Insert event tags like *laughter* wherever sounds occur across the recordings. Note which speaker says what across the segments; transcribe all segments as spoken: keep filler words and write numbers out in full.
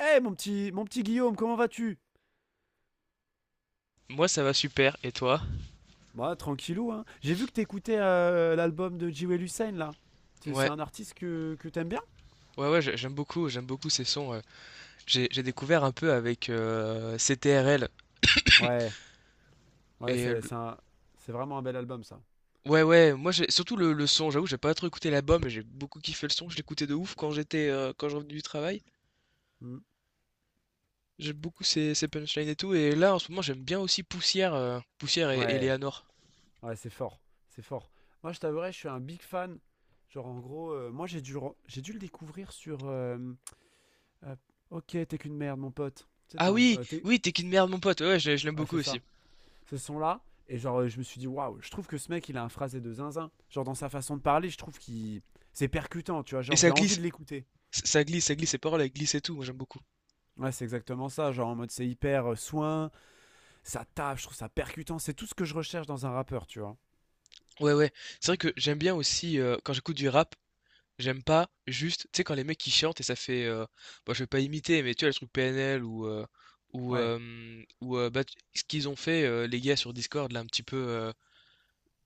Speaker 1: Eh mon petit, mon petit Guillaume, comment vas-tu?
Speaker 2: Moi, ça va super. Et toi?
Speaker 1: Bah tranquillou, hein. J'ai vu que t'écoutais euh, l'album de Jewel Hussein là. C'est c'est
Speaker 2: Ouais,
Speaker 1: un artiste que, que t'aimes bien?
Speaker 2: ouais, ouais, j'ai- j'aime beaucoup, j'aime beaucoup ces sons. euh. J'ai, j'ai découvert un peu avec euh, C T R L.
Speaker 1: Ouais, ouais,
Speaker 2: Et
Speaker 1: c'est
Speaker 2: le-
Speaker 1: c'est un- c'est vraiment un bel album ça.
Speaker 2: ouais, ouais, moi, j'ai surtout le, le son. J'avoue, j'ai pas trop écouté l'album, mais j'ai beaucoup kiffé le son. Je l'écoutais de ouf quand j'étais, euh, quand je revenais du travail.
Speaker 1: Hmm.
Speaker 2: J'aime beaucoup ces, ces punchlines et tout. Et là, en ce moment, j'aime bien aussi Poussière, euh, Poussière et, et
Speaker 1: Ouais,
Speaker 2: Léanor.
Speaker 1: ouais, c'est fort, c'est fort. Moi je t'avouerai, je suis un big fan. Genre en gros, euh, moi j'ai dû, re- j'ai dû le découvrir sur euh, euh, ok, t'es qu'une merde mon pote. C'est
Speaker 2: Ah
Speaker 1: un,
Speaker 2: oui,
Speaker 1: euh, t'es-
Speaker 2: oui, t'es qu'une merde, mon pote. Ouais, je, je l'aime
Speaker 1: Ouais,
Speaker 2: beaucoup
Speaker 1: c'est ça,
Speaker 2: aussi.
Speaker 1: ce son-là. Et genre, euh, je me suis dit, waouh, je trouve que ce mec, il a un phrasé de zinzin. Genre, dans sa façon de parler, je trouve qu'il. C'est percutant, tu vois.
Speaker 2: Et
Speaker 1: Genre,
Speaker 2: ça
Speaker 1: j'ai envie
Speaker 2: glisse,
Speaker 1: de l'écouter.
Speaker 2: ça glisse, ça glisse. Ses paroles, elles glissent et tout. Moi, j'aime beaucoup.
Speaker 1: Ouais, c'est exactement ça. Genre, en mode, c'est hyper euh, soin, ça tape, je trouve ça percutant. C'est tout ce que je recherche dans un rappeur, tu vois.
Speaker 2: Ouais, ouais. C'est vrai que j'aime bien aussi euh, quand j'écoute du rap. J'aime pas juste, tu sais, quand les mecs ils chantent et ça fait, euh, bon, je vais pas imiter, mais tu vois, le truc P N L ou, euh, ou,
Speaker 1: Ouais.
Speaker 2: euh, ou euh, bah, tu- ce qu'ils ont fait, euh, les gars sur Discord, là, un petit peu, euh,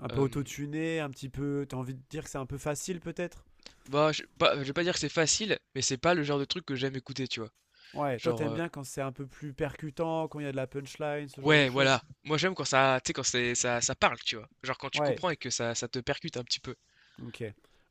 Speaker 1: Un peu
Speaker 2: euh,
Speaker 1: autotuné, un petit peu. T'as envie de dire que c'est un peu facile, peut-être.
Speaker 2: bah, je, pas- je vais pas dire que c'est facile, mais c'est pas le genre de truc que j'aime écouter, tu vois.
Speaker 1: Ouais. Toi,
Speaker 2: Genre,
Speaker 1: t'aimes
Speaker 2: euh,
Speaker 1: bien quand c'est un peu plus percutant, quand il y a de la punchline, ce genre de
Speaker 2: ouais,
Speaker 1: choses?
Speaker 2: voilà. Moi, j'aime quand ça, tu sais, quand c'est, ça, ça parle, tu vois. Genre, quand tu
Speaker 1: Ouais.
Speaker 2: comprends et que ça, ça te percute un petit peu.
Speaker 1: Ok.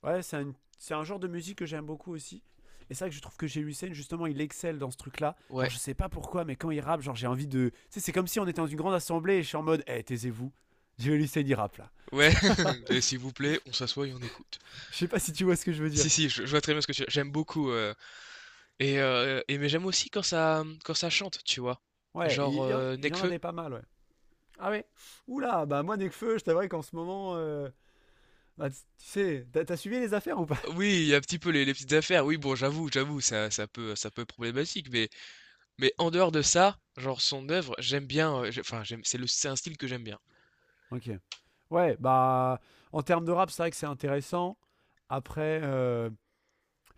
Speaker 1: Ouais, c'est un, c'est un genre de musique que j'aime beaucoup aussi. Et c'est vrai que je trouve que chez Lucien, justement, il excelle dans ce truc-là. Genre,
Speaker 2: Ouais,
Speaker 1: je sais pas pourquoi, mais quand il rappe, genre, j'ai envie de. Tu sais, c'est comme si on était dans une grande assemblée et je suis en mode, eh, taisez-vous. Je vais Lucien, il rappe là.
Speaker 2: ouais,
Speaker 1: *laughs*
Speaker 2: *laughs* et s'il vous plaît, on s'assoit et on écoute.
Speaker 1: Je sais pas si tu vois ce que je veux dire.
Speaker 2: Si, si, je, je vois très bien ce que tu... J'aime beaucoup. euh, Et heu et mais j'aime aussi quand ça, mmh, quand ça chante, tu vois?
Speaker 1: Ouais, il,
Speaker 2: Genre,
Speaker 1: il en-
Speaker 2: heu,
Speaker 1: il en a
Speaker 2: Nekfeu.
Speaker 1: des pas mal, ouais. Ah ouais. Oula, bah moi, Nekfeu, je t'avouerais qu'en ce moment, euh, bah, tu tu sais, t'as t'as suivi les affaires ou pas? *laughs*
Speaker 2: Oui, il y a un petit peu les les petites affaires. Oui, bon, j'avoue, j'avoue, ça ça peut ça peut être problématique, mais mais en dehors de ça, genre son œuvre, j'aime bien, heu, j'ai enfin, j'aime c'est le c'est un style que j'aime bien.
Speaker 1: Ok. Ouais, bah, en termes de rap, c'est vrai que c'est intéressant. Après, euh,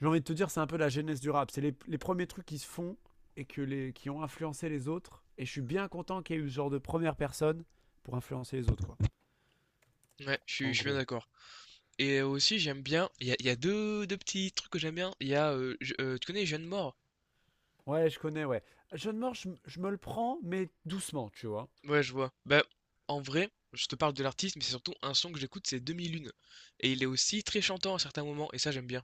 Speaker 1: j'ai envie de te dire, c'est un peu la genèse du rap. C'est les, les premiers trucs qui se font et que les, qui ont influencé les autres. Et je suis bien content qu'il y ait eu ce genre de première personne pour influencer les autres, quoi.
Speaker 2: Ouais, je suis
Speaker 1: En
Speaker 2: je suis bien
Speaker 1: gros.
Speaker 2: d'accord et aussi j'aime bien, il y a il y a deux deux petits trucs que j'aime bien. Il y a, heu, je heu, tu connais Jeanne Moore?
Speaker 1: Ouais, je connais, ouais. Jeune mort, je, m- je me le prends, mais doucement, tu vois.
Speaker 2: Ouais, je vois. Bah, en vrai, je te parle de l'artiste, mais c'est surtout un son que j'écoute, c'est deux mille un et il est aussi très chantant à certains moments et ça, j'aime bien.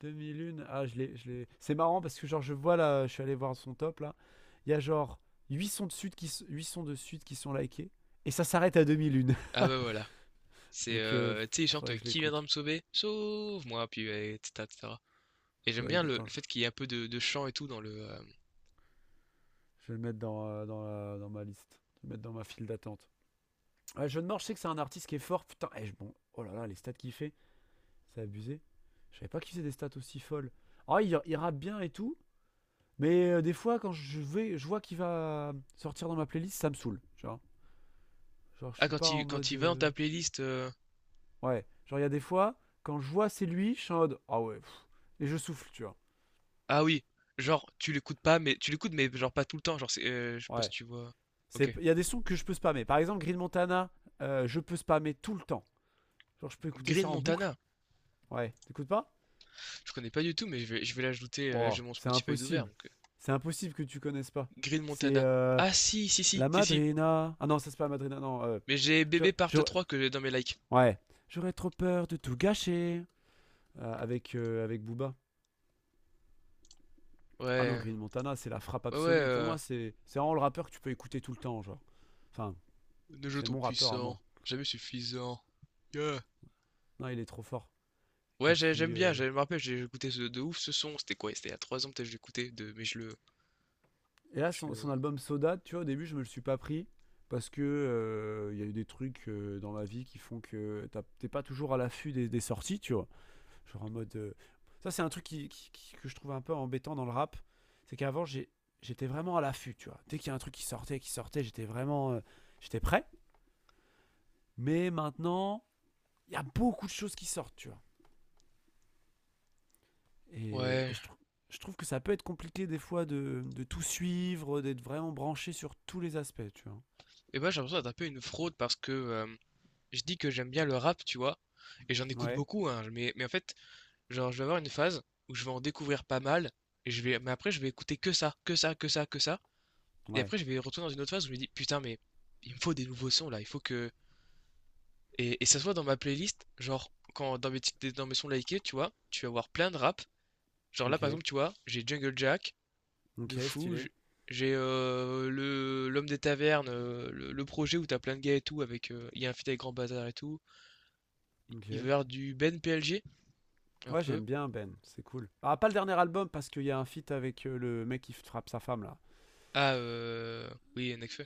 Speaker 1: deux mille un, ah, je l'ai, je l'ai. C'est marrant parce que, genre, je vois là, je suis allé voir son top là. Il y a genre huit sons de suite qui, s- huit sons de suite qui sont likés. Et ça s'arrête à
Speaker 2: Ah
Speaker 1: deux mille un.
Speaker 2: bah voilà.
Speaker 1: *laughs*
Speaker 2: C'est
Speaker 1: Donc, euh,
Speaker 2: euh, tu sais, il chante
Speaker 1: faudrait
Speaker 2: euh,
Speaker 1: que je
Speaker 2: Qui viendra
Speaker 1: l'écoute.
Speaker 2: me sauver? Sauve-moi, puis euh, et cetera, et cetera. Et cetera. Et j'aime
Speaker 1: Faudrait
Speaker 2: bien
Speaker 1: que,
Speaker 2: le,
Speaker 1: attends,
Speaker 2: le
Speaker 1: je,
Speaker 2: fait qu'il y ait un peu de, de chant et tout dans le. Euh,
Speaker 1: je vais le mettre dans, euh, dans, la- dans ma liste. Je vais le mettre dans ma file d'attente. Ouais, John Morge, je sais que c'est un artiste qui est fort. Putain, eh, je- bon, oh là là, les stats qu'il fait, c'est abusé. Je savais pas qu'il faisait des stats aussi folles. Ah, il, il rappe bien et tout, mais euh, des fois, quand je vais, je vois qu'il va sortir dans ma playlist, ça me saoule, tu vois. Genre, je
Speaker 2: Ah
Speaker 1: suis
Speaker 2: quand
Speaker 1: pas en
Speaker 2: il quand
Speaker 1: mode.
Speaker 2: il va dans
Speaker 1: euh,
Speaker 2: ta playlist. euh,
Speaker 1: Ouais, genre, il y a des fois, quand je vois c'est lui, je suis en mode. Ah ouais, pff, et je souffle, tu vois.
Speaker 2: Ah oui, genre tu l'écoutes pas, mais tu l'écoutes mais genre pas tout le temps. Genre c'est, euh, je sais pas si
Speaker 1: Ouais.
Speaker 2: tu vois.
Speaker 1: C'est-
Speaker 2: Ok.
Speaker 1: Il y a des sons que je peux spammer. Par exemple, Green Montana, euh, je peux spammer tout le temps. Genre, je peux écouter
Speaker 2: Green
Speaker 1: ça en boucle.
Speaker 2: Montana.
Speaker 1: Ouais, t'écoutes pas.
Speaker 2: Je connais pas du tout, mais je vais je vais l'ajouter. Euh, là
Speaker 1: Oh,
Speaker 2: j'ai mon
Speaker 1: c'est
Speaker 2: Spotify ouvert
Speaker 1: impossible.
Speaker 2: donc euh,
Speaker 1: C'est impossible que tu connaisses pas.
Speaker 2: Green
Speaker 1: C'est
Speaker 2: Montana.
Speaker 1: euh,
Speaker 2: Ah si si si
Speaker 1: La
Speaker 2: si si.
Speaker 1: Madrina. Ah non, ça c'est pas la Madrina, non. euh,
Speaker 2: Mais j'ai
Speaker 1: je,
Speaker 2: Bébé Part
Speaker 1: je-
Speaker 2: trois que j'ai dans mes likes.
Speaker 1: ouais. J'aurais trop peur de tout gâcher euh, avec, euh, avec Booba. Ah non,
Speaker 2: Ouais,
Speaker 1: Green Montana, c'est la frappe
Speaker 2: ouais, ouais.
Speaker 1: absolue. Pour
Speaker 2: euh,
Speaker 1: moi, c'est c'est vraiment le rappeur que tu peux écouter tout le temps, genre. Enfin,
Speaker 2: Nos jeux
Speaker 1: c'est
Speaker 2: trop
Speaker 1: mon rappeur à
Speaker 2: puissants,
Speaker 1: moi.
Speaker 2: jamais suffisant. Yeah.
Speaker 1: Non, il est trop fort.
Speaker 2: Ouais,
Speaker 1: Et
Speaker 2: j'ai- j'aime
Speaker 1: puis.
Speaker 2: bien,
Speaker 1: euh,
Speaker 2: j'ai- je me rappelle, j'ai écouté ce, de ouf ce son. C'était quoi? C'était il y a trois ans, peut-être, que je l'écoutais, de... mais je le,
Speaker 1: Et là,
Speaker 2: je
Speaker 1: son, son
Speaker 2: le.
Speaker 1: album Soda, tu vois, au début, je me le suis pas pris. Parce que euh, il y a eu des trucs euh, dans ma vie qui font que t'as- t'es pas toujours à l'affût des, des sorties, tu vois. Genre en mode. euh, Ça, c'est un truc qui, qui- qui- que je trouve un peu embêtant dans le rap. C'est qu'avant, j'étais vraiment à l'affût, tu vois. Dès qu'il y a un truc qui sortait, qui sortait, j'étais vraiment. Euh, j'étais prêt. Mais maintenant, il y a beaucoup de choses qui sortent, tu vois. Et, et
Speaker 2: Ouais.
Speaker 1: je, trou- je trouve que ça peut être compliqué des fois de, de tout suivre, d'être vraiment branché sur tous les aspects, tu vois.
Speaker 2: Et bah, j'ai l'impression d'être un peu une fraude parce que euh, je dis que j'aime bien le rap, tu vois. Et j'en écoute
Speaker 1: Ouais,
Speaker 2: beaucoup, hein. Mais, mais en fait, genre, je vais avoir une phase où je vais en découvrir pas mal. Et je vais... Mais après, je vais écouter que ça, que ça, que ça, que ça. Et
Speaker 1: ouais,
Speaker 2: après, je vais retourner dans une autre phase où je me dis, putain, mais il me faut des nouveaux sons là. Il faut que. Et, et ça se voit dans ma playlist, genre, quand dans mes, titres- dans mes sons likés, tu vois, tu vas voir plein de rap. Genre là, par
Speaker 1: ok.
Speaker 2: exemple, tu vois, j'ai Jungle Jack, de
Speaker 1: Ok,
Speaker 2: fou,
Speaker 1: stylé.
Speaker 2: j'- j'ai euh, le l'homme des tavernes, euh, le, le projet où t'as plein de gars et tout, avec euh, il y a un feat avec Grand Bazar et tout.
Speaker 1: Ok.
Speaker 2: Il va y avoir du Ben P L G, un
Speaker 1: Ouais,
Speaker 2: peu.
Speaker 1: j'aime bien Ben, c'est cool. Ah, pas le dernier album parce qu'il y a un feat avec euh, le mec qui frappe sa femme là.
Speaker 2: Ah, euh, oui, Nekfeu.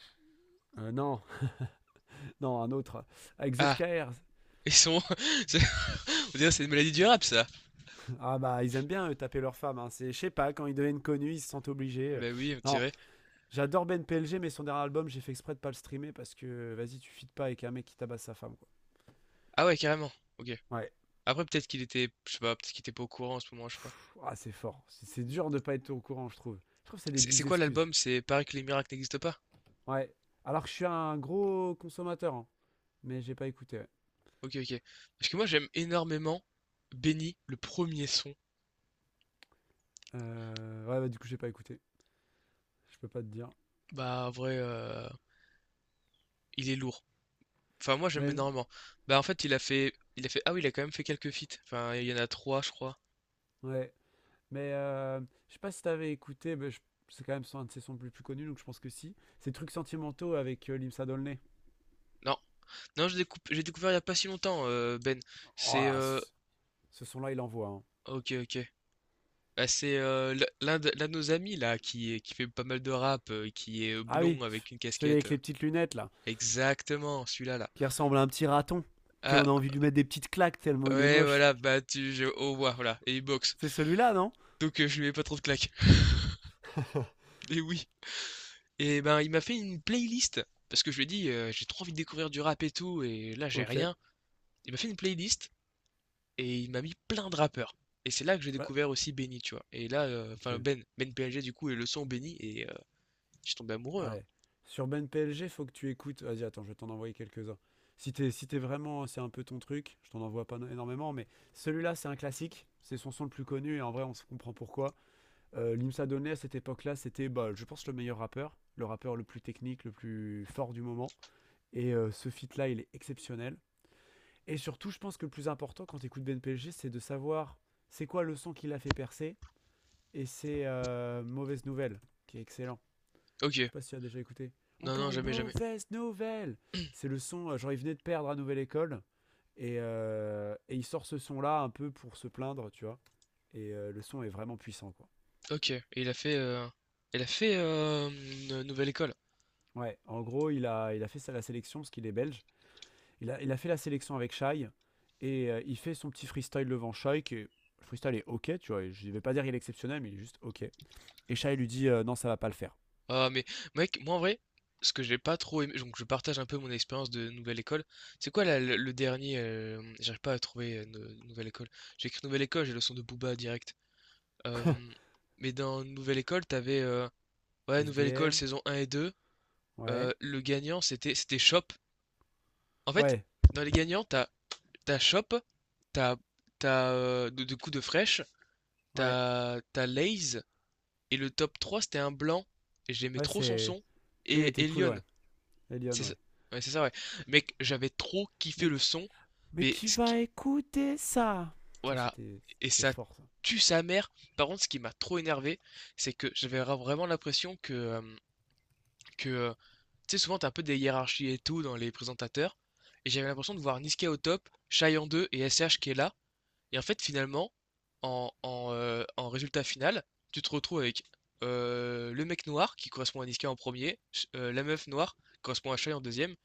Speaker 1: Euh, non, non, un autre. Avec
Speaker 2: Ah,
Speaker 1: Z K R.
Speaker 2: ils sont. *laughs* c'est- On dirait que c'est une maladie du rap, ça.
Speaker 1: Ah bah, ils aiment bien eux, taper leurs femmes, hein. C'est, je sais pas, quand ils deviennent connus, ils se sentent obligés. euh.
Speaker 2: Bah oui, on
Speaker 1: Non,
Speaker 2: dirait.
Speaker 1: j'adore Ben P L G, mais son dernier album, j'ai fait exprès de pas le streamer parce que, vas-y, tu fites pas avec un mec qui tabasse sa femme, quoi.
Speaker 2: Ah ouais, carrément. Ok.
Speaker 1: Ouais.
Speaker 2: Après, peut-être qu'il était, je sais pas, peut-être qu'il était pas au courant en ce moment, je sais pas.
Speaker 1: Pff, ah, c'est fort. C'est, c'est dur de pas être au courant, je trouve. Je trouve que c'est des
Speaker 2: C'est c'est
Speaker 1: bigs
Speaker 2: quoi
Speaker 1: excuses.
Speaker 2: l'album? C'est Paris que les miracles n'existent pas?
Speaker 1: Ouais. Alors que je suis un gros consommateur, hein. Mais j'ai pas écouté. Ouais.
Speaker 2: Ok, ok. Parce que moi j'aime énormément Benny, le premier son.
Speaker 1: Euh, ouais bah, du coup, j'ai pas écouté. Je peux pas te dire.
Speaker 2: Bah en vrai, euh, il est lourd. Enfin moi j'aime
Speaker 1: Même.
Speaker 2: énormément. Bah en fait il a fait, il a fait, ah oui il a quand même fait quelques feats. Enfin il y en a trois je crois.
Speaker 1: Ouais. Mais euh, je sais pas si t'avais écouté, mais je- c'est quand même son- un de ses sons les plus connus, donc je pense que si. C'est Trucs sentimentaux avec euh, Limsa Dolné.
Speaker 2: Non, non j'ai découp- j'ai découvert il y a pas si longtemps euh, Ben.
Speaker 1: Oh
Speaker 2: C'est,
Speaker 1: là,
Speaker 2: euh,
Speaker 1: ce, ce son-là, il envoie, hein.
Speaker 2: ok, ok. Bah, c'est euh, l- l'un de, l'un de nos amis là qui est- qui fait pas mal de rap, euh, qui est euh,
Speaker 1: Ah oui,
Speaker 2: blond
Speaker 1: ce-
Speaker 2: avec une
Speaker 1: celui
Speaker 2: casquette.
Speaker 1: avec
Speaker 2: euh.
Speaker 1: les petites lunettes, là,
Speaker 2: Exactement, celui-là là.
Speaker 1: qui ressemble à un petit raton,
Speaker 2: Ah
Speaker 1: qu'on a envie de lui mettre des petites claques tellement il est
Speaker 2: ouais
Speaker 1: moche.
Speaker 2: voilà, bah tu, je, au revoir, voilà et il boxe.
Speaker 1: C'est celui-là, non?
Speaker 2: Donc euh, je lui mets pas trop de claques. *laughs* mais oui. Et ben, il m'a fait une playlist parce que je lui ai dit, heu: «J'ai trop envie de découvrir du rap et tout et là, j'ai
Speaker 1: Ok.
Speaker 2: rien». Il m'a fait une playlist et il m'a mis plein de rappeurs et c'est là que j'ai
Speaker 1: Ouais.
Speaker 2: découvert aussi Benny, tu vois? Et là, heu,
Speaker 1: Ok.
Speaker 2: enfin Ben, Ben P L G du coup et le son Benny et heu, je suis tombé amoureux, hein.
Speaker 1: Ouais. Sur Ben P L G faut que tu écoutes. Vas-y, attends, je vais t'en envoyer quelques-uns. Si t'es si t'es vraiment, c'est un peu ton truc, je t'en envoie pas no-, énormément, mais celui-là, c'est un classique. C'est son son le plus connu, et en vrai, on se comprend pourquoi. Euh, Limsa Donnet à cette époque-là, c'était, bah, je pense, le meilleur rappeur, le rappeur le plus technique, le plus fort du moment. Et euh, ce feat-là, il est exceptionnel. Et surtout, je pense que le plus important quand tu écoutes B N P L G, c'est de savoir c'est quoi le son qui l'a fait percer et c'est euh, Mauvaise Nouvelle, qui est excellent. Je
Speaker 2: OK.
Speaker 1: sais pas si tu as déjà écouté.
Speaker 2: Non, non,
Speaker 1: Encore une
Speaker 2: jamais, jamais.
Speaker 1: mauvaise nouvelle. C'est le son, euh, genre il venait de perdre à Nouvelle École et, euh, et il sort ce son-là un peu pour se plaindre, tu vois. Et euh, le son est vraiment puissant, quoi.
Speaker 2: OK et il a fait, heu, il a fait, euh, une Nouvelle École?
Speaker 1: Ouais, en gros, il a, il a fait ça à la sélection parce qu'il est belge. Il a, il a fait la sélection avec Shai et euh, il fait son petit freestyle devant Shai qui est- le freestyle est ok, tu vois. Je vais pas dire qu'il est exceptionnel, mais il est juste ok. Et Shai lui dit euh, non, ça va pas le faire.
Speaker 2: Ah mais mec, moi en vrai, ce que j'ai pas trop aimé, donc je partage un peu mon expérience de nouvelle école. C'est quoi la- le, le dernier euh, j'arrive pas à trouver euh, nou- nouvelle école. J'ai écrit nouvelle école, j'ai le son de Booba direct. Euh, mais dans nouvelle école, t'avais euh, ouais nouvelle école
Speaker 1: S D M,
Speaker 2: saison un et deux.
Speaker 1: ouais,
Speaker 2: Euh, le gagnant c'était c'était Shop. En fait,
Speaker 1: ouais,
Speaker 2: dans les gagnants, t'as t'as Shop, t'as t'as euh, de, de coups de fraîche,
Speaker 1: ouais,
Speaker 2: t'as t'as Lay's et le top trois c'était un blanc. Et j'aimais
Speaker 1: ouais,
Speaker 2: trop son
Speaker 1: c'est.
Speaker 2: son
Speaker 1: Lui, il
Speaker 2: et
Speaker 1: était cool,
Speaker 2: Elion.
Speaker 1: ouais. Elion,
Speaker 2: C'est ça,
Speaker 1: ouais.
Speaker 2: ouais, c'est ça, ouais. Mec, j'avais trop kiffé
Speaker 1: Mais,
Speaker 2: le son,
Speaker 1: mais
Speaker 2: mais
Speaker 1: qui
Speaker 2: ce qui,
Speaker 1: va écouter ça? Ça,
Speaker 2: voilà,
Speaker 1: c'était
Speaker 2: et
Speaker 1: c'était
Speaker 2: ça
Speaker 1: fort, ça.
Speaker 2: tue sa mère. Par contre, ce qui m'a trop énervé, c'est que j'avais ra- vraiment l'impression que, euh, que, euh, tu sais, souvent t'as un peu des hiérarchies et tout dans les présentateurs, et j'avais l'impression de voir Niska au top, Shai en deux et S H qui est là, et en fait, finalement, en, en, euh, en résultat final, tu te retrouves avec euh, le mec noir qui correspond à Niska en premier, ch- euh, la meuf noire qui correspond à Shai en deuxième,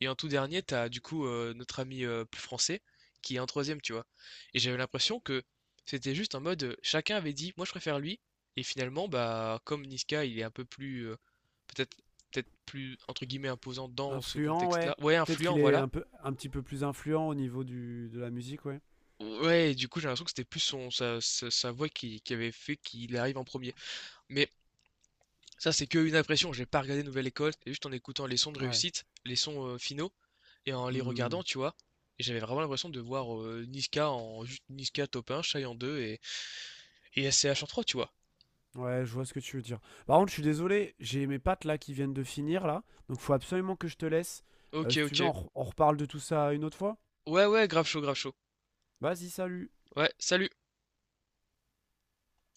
Speaker 2: et en tout dernier, t'as du coup euh, notre ami euh, plus français qui est en troisième, tu vois. Et j'avais l'impression que c'était juste en mode euh, chacun avait dit moi je préfère lui. Et finalement, bah comme Niska, il est un peu plus euh, peut-être peut-être plus entre guillemets imposant dans ce
Speaker 1: Influent, ouais.
Speaker 2: contexte-là. Ouais,
Speaker 1: Peut-être qu'il
Speaker 2: influent,
Speaker 1: est un,
Speaker 2: voilà.
Speaker 1: peu, un petit peu plus influent au niveau du, de la musique, ouais.
Speaker 2: Ouais, et du coup, j'ai l'impression que c'était plus son sa, sa- sa voix qui, qui avait fait qu'il arrive en premier. Mais Ça, c'est qu'une impression. J'ai pas regardé Nouvelle École. C'est juste en écoutant les sons de
Speaker 1: Ouais.
Speaker 2: réussite, les sons euh, finaux, et en les regardant,
Speaker 1: Hmm.
Speaker 2: tu vois. Et j'avais vraiment l'impression de voir euh, Niska en juste Niska top un, Shy en deux et, et S C H en trois, tu vois.
Speaker 1: Ouais, je vois ce que tu veux dire. Par contre, je suis désolé, j'ai mes pattes là qui viennent de finir là, donc faut absolument que je te laisse. Euh,
Speaker 2: Ok,
Speaker 1: si tu veux, on,
Speaker 2: ok.
Speaker 1: re- on reparle de tout ça une autre fois.
Speaker 2: Ouais, ouais, grave chaud, grave chaud.
Speaker 1: Vas-y, salut.
Speaker 2: Ouais, salut.